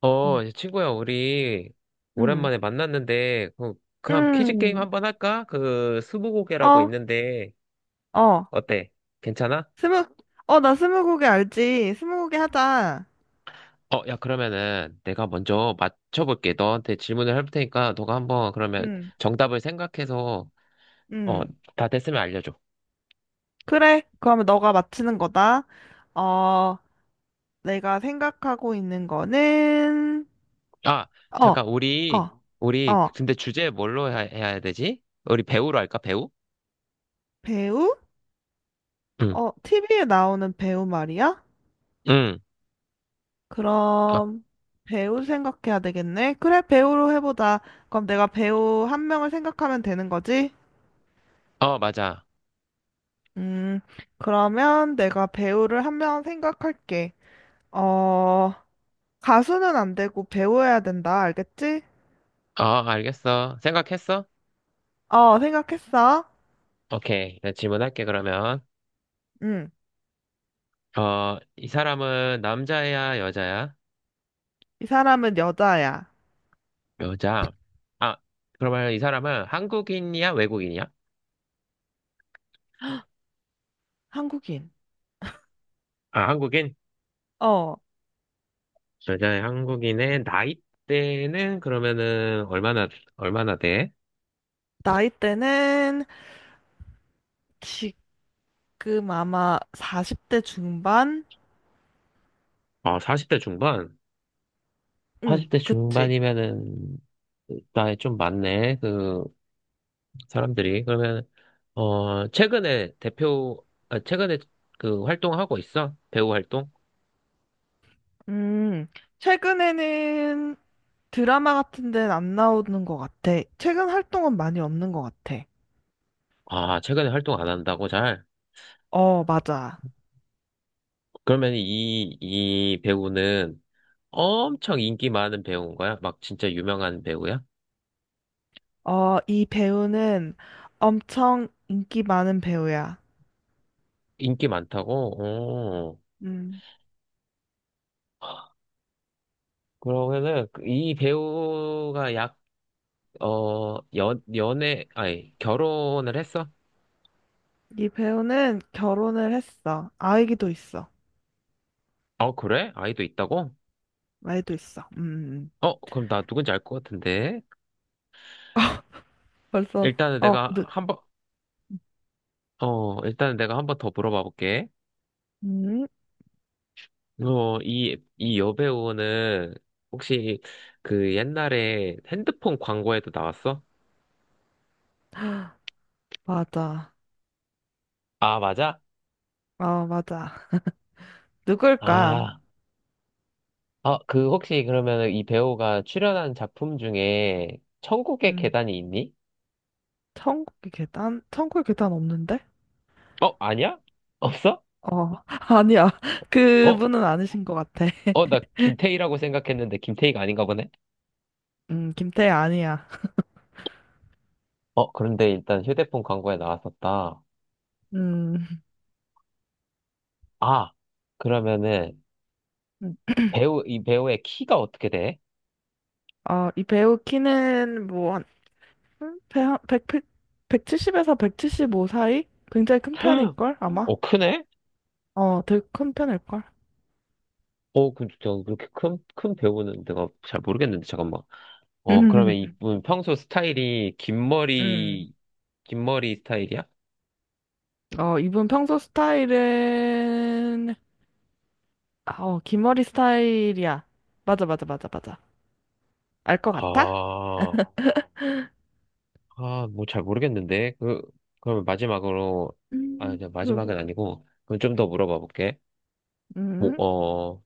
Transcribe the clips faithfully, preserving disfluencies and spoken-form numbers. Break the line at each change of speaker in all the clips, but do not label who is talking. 어,
음,
이제 친구야, 우리
음,
오랜만에 만났는데, 그, 그럼 퀴즈 게임
음.
한번 할까? 그, 스무고개라고
어,
있는데,
어,
어때? 괜찮아?
스무, 어, 나 스무고개 알지? 스무고개 하자.
어, 야, 그러면은 내가 먼저 맞춰볼게. 너한테 질문을 할 테니까, 너가 한번 그러면
음,
정답을 생각해서, 어,
음.
다 됐으면 알려줘.
그래, 그러면 너가 맞히는 거다. 어, 내가 생각하고 있는 거는,
아,
어,
잠깐, 우리,
어,
우리,
어,
근데 주제 뭘로 해야, 해야 되지? 우리 배우로 할까? 배우?
배우?
응,
어, 티비에 나오는 배우 말이야?
응. 어,
그럼, 배우 생각해야 되겠네. 그래, 배우로 해보자. 그럼 내가 배우 한 명을 생각하면 되는 거지?
어, 맞아.
음, 그러면 내가 배우를 한 명 생각할게. 어, 가수는 안 되고 배우여야 된다. 알겠지?
어, 알겠어. 생각했어?
어, 생각했어.
오케이. 내가 질문할게, 그러면.
응.
어, 이 사람은 남자야, 여자야?
이 사람은 여자야.
여자. 아, 그러면 이 사람은 한국인이야, 외국인이야?
한국인.
아, 한국인?
어,
여자의 한국인의 나이대는 그러면은 얼마나, 얼마나 돼?
나이대는 지금 아마 사십 대 중반?
어, 사십 대 중반?
응,
사십 대
그치.
중반이면은 나이 좀 많네, 그 사람들이. 그러면, 어, 최근에 대표, 아, 최근에 그 활동하고 있어? 배우 활동?
음, 최근에는 드라마 같은 데는 안 나오는 것 같아. 최근 활동은 많이 없는 것 같아.
아, 최근에 활동 안 한다고 잘?
어, 맞아.
그러면 이, 이 배우는 엄청 인기 많은 배우인 거야? 막 진짜 유명한 배우야?
어, 이 배우는 엄청 인기 많은 배우야.
인기 많다고? 어.
음,
그러면은 그이 배우가 약, 어, 연, 연애, 아니, 결혼을 했어?
이 배우는 결혼을 했어. 아이기도 있어.
어, 그래? 아이도 있다고?
아이도 있어. 음, 음, 음.
어, 그럼 나 누군지 알 것 같은데.
벌써,
일단은
어,
내가
누,
한 번, 어, 일단은 내가 한 번 더 물어봐 볼게.
음,
어, 이, 이 여배우는 혹시 그 옛날에 핸드폰 광고에도 나왔어?
맞아.
아, 맞아?
어, 맞아. 누굴까?
아. 아, 그 혹시 그러면 이 배우가 출연한 작품 중에 천국의
음,
계단이 있니?
천국의 계단? 천국의 계단 없는데?
어, 아니야? 없어?
어, 아니야.
어,
그분은 아니신 것 같아.
어, 나 김태희라고 생각했는데 김태희가 아닌가 보네?
음, 김태희 아니야.
어, 그런데 일단 휴대폰 광고에 나왔었다.
음,
아, 그러면은
음.
배우, 이 배우의 키가 어떻게 돼?
어, 이 배우 키는 뭐, 한 음, 배, 한- 일 공 백 칠7 공에서 백칠십오 사이? 굉장히 큰 편일걸, 아마?
어, 크네?
음. 어, 되게 큰 편일걸.
어, 그, 저, 그렇게 큰, 큰 배우는 내가 잘 모르겠는데, 잠깐만. 어, 그러면 이분 평소 스타일이 긴
음.
머리, 긴 머리 스타일이야?
어, 이분 평소 스타일은, 아, 어, 기머리 스타일이야. 맞아, 맞아, 맞아, 맞아. 알 것 같아?
아. 아, 뭐 잘 모르겠는데. 그, 그러면 마지막으로, 아,
음.
이제
잘 모르.
마지막은 아니고, 그럼 좀 더 물어봐 볼게. 뭐,
음,
어,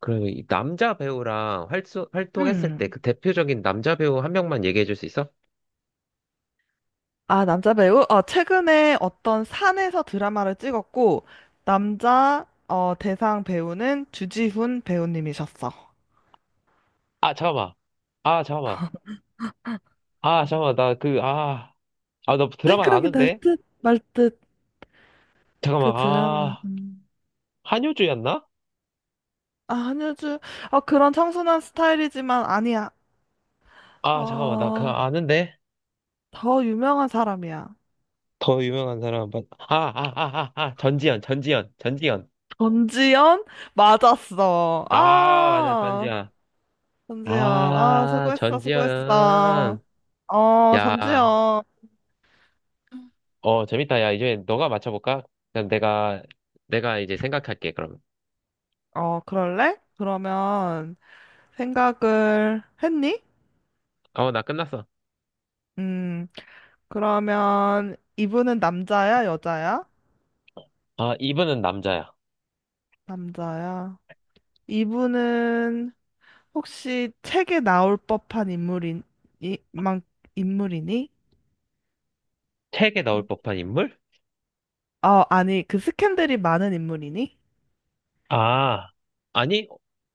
그럼 이 남자 배우랑 활수, 활동했을 때
음.
그 대표적인 남자 배우 한 명만 얘기해 줄 수 있어?
아, 남자 배우? 어, 최근에 어떤 산에서 드라마를 찍었고, 남자, 어, 대상 배우는 주지훈 배우님이셨어.
아, 잠깐만. 아, 잠깐만. 아, 잠깐만. 나 그, 아, 아, 나 드라마
생각이 날 어.
아는데?
듯, 말 듯. 그
잠깐만.
드라마.
아,
음.
한효주였나?
아, 한효주. 아, 그런 청순한 스타일이지만 아니야.
아, 잠깐만. 나 그거
어,
아는데?
더 유명한 사람이야.
더 유명한 사람. 맞- 아, 아, 아, 아, 아, 전지현, 전지현, 전지현.
전지현? 맞았어.
아, 맞아,
아,
전지현.
전지현. 아,
아,
수고했어, 수고했어.
전지현.
어,
야,
전지현.
어, 재밌다. 야, 이제 너가 맞춰볼까? 그럼 내가, 내가 이제 생각할게, 그럼.
어, 그럴래? 그러면 생각을 했니?
어, 나 끝났어.
음, 그러면 이분은 남자야, 여자야?
아, 이분은 남자야.
남자야. 이분은 혹시 책에 나올 법한 인물인, 이, 만, 인물이니?
책에 나올 법한 인물?
어, 아니, 그 스캔들이 많은 인물이니?
아, 아니,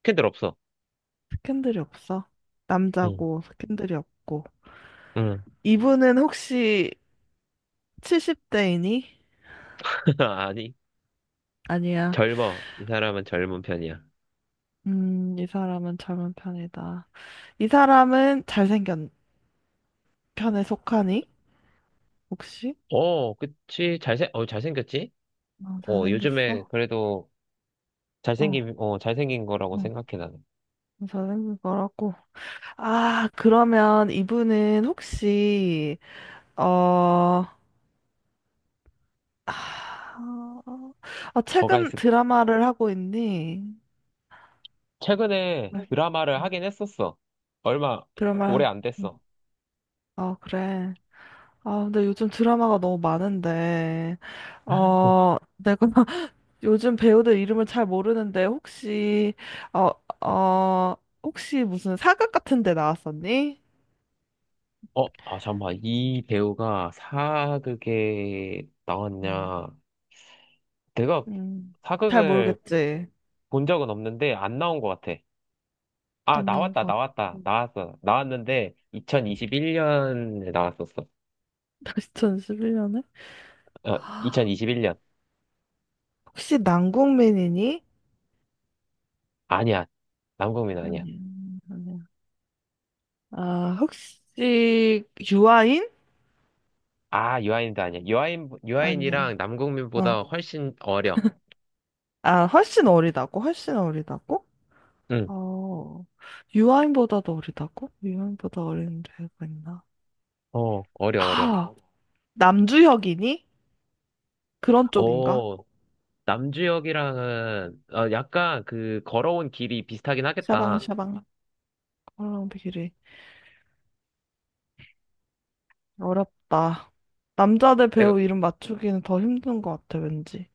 캔들 없어.
스캔들이 없어.
응,
남자고, 스캔들이 없고.
응.
이분은 혹시 칠십 대이니?
아니,
아니야.
젊어. 이 사람은 젊은 편이야.
음, 이 사람은 젊은 편이다. 이 사람은 잘생긴 편에 속하니? 혹시?
어, 그치. 잘생, 어, 잘생겼지?
어,
어, 요즘에
잘생겼어?
그래도
어,
잘생긴, 어, 잘생긴 거라고
어,
생각해, 나는.
잘생긴 거라고. 아, 그러면 이분은 혹시, 어, 아, 아,
뭐가
최근
있을까?
드라마를 하고 있니?
최근에
네.
드라마를 하긴 했었어. 얼마, 오래
드라마.
안 됐어.
아, 그래. 아, 근데 요즘 드라마가 너무 많은데, 어, 내가 요즘 배우들 이름을 잘 모르는데, 혹시, 어, 어, 혹시 무슨 사극 같은 데 나왔었니?
어, 아, 잠깐만. 이 배우가 사극에
음.
나왔냐. 내가
음, 잘
사극을
모르겠지.
본 적은 없는데 안 나온 것 같아. 아,
안 나온
나왔다,
것 같아.
나왔다, 나왔어. 나왔는데 이천이십일 년에 나왔었어.
이천십일 년에?
어, 이천이십일 년.
혹시 남국민이니
아니야. 남궁민 아니야.
아니요, 아니요. 아, 혹시 유아인?
아, 유아인도 아니야. 유아인,
아니야.
유아인이랑
어.
남궁민보다 훨씬 어려.
아, 훨씬 어리다고? 훨씬 어리다고?
응.
어. 유아인보다도 어리다고? 유아인보다 어린 배우가 있나?
어, 어려, 어려.
아, 남주혁이니? 그런 쪽인가?
오, 남주역이랑은 어, 약간 그 걸어온 길이 비슷하긴 하겠다.
샤방샤방 헐렁비리 어렵다. 남자들
내가
배우 이름 맞추기는 더 힘든 것 같아, 왠지.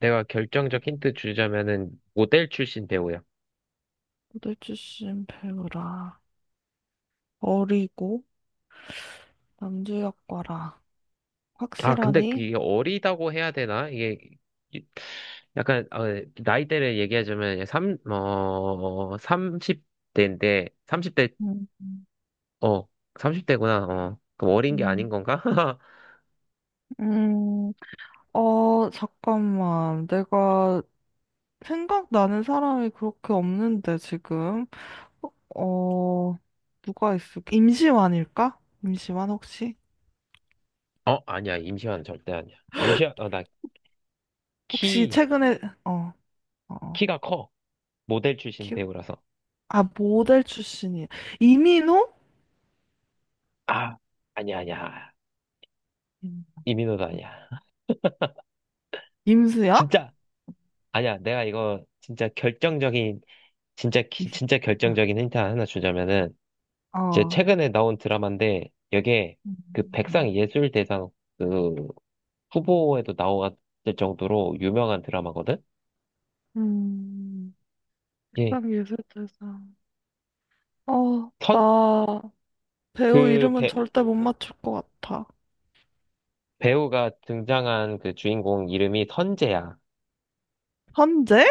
내가 결정적 힌트 주자면은 모델 출신 배우야.
무대 출신 배우라. 어리고 남주혁과라.
아, 근데
확실하니?
그게 어리다고 해야 되나? 이게 이- 약간 어, 나이대를 얘기하자면 삼, 어, 삼십 대인데 삼십 대.
음.
어 삼십 대구나. 어 그럼 어린 게 아닌
음.
건가?
음. 어, 잠깐만. 내가 생각나는 사람이 그렇게 없는데, 지금. 어, 누가 있을까? 임시완일까? 임시완 혹시?
어 아니야, 임시완 절대 아니야. 임시완. 어, 나
혹시
키
최근에, 어, 어, 어.
키가 커. 모델 출신
키
배우라서.
아, 모델 출신이. 이민호?
아 아니야, 아니야.
임-
이민호도 아니야.
임수연?
진짜 아니야. 내가 이거 진짜 결정적인 진짜 기-
이-
진짜 결정적인 힌트 하나 주자면은 제
어.
최근에 나온 드라마인데 여기에 그
음,
백상예술대상 그 후보에도 나왔을 정도로 유명한 드라마거든.
음, 그
예.
음 예술대상. 어,
선,
나 배우
그
이름은
배,
절대 못 맞출 것 같아.
배우가 등장한 그 주인공 이름이 선재야.
현재?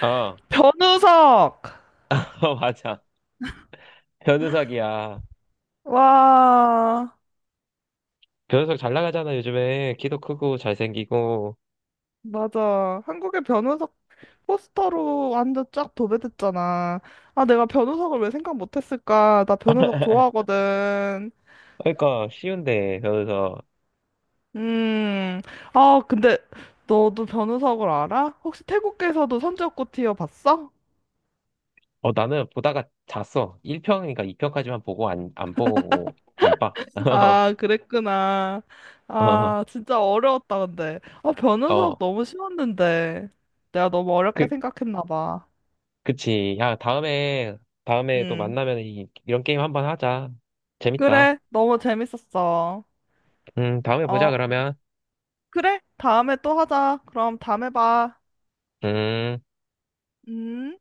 어,
변우석!
어, 맞아. 변우석이야.
와,
변우석 잘 나가잖아, 요즘에. 키도 크고 잘생기고.
맞아. 한국의 변호석 포스터로 완전 쫙 도배됐잖아. 아, 내가 변호석을 왜 생각 못했을까? 나 변호석 좋아하거든.
그러니까 쉬운데, 변우석.
음, 아, 근데 너도 변호석을 알아? 혹시 태국에서도 선지옥고 티어 봤어?
어, 나는 보다가 잤어. 일 편이니까 이 편까지만 보고 안, 안 보고, 안 봐.
아, 그랬구나.
어,
아, 진짜 어려웠다, 근데. 아, 변호석
어,
너무 쉬웠는데. 내가 너무 어렵게
그,
생각했나 봐.
그치. 야, 다음에, 다음에 또
음,
만나면 이, 이런 게임 한번 하자. 재밌다.
그래. 너무 재밌었어.
음, 다음에 보자,
어.
그러면.
그래? 다음에 또 하자. 그럼 다음에 봐.
음.
음.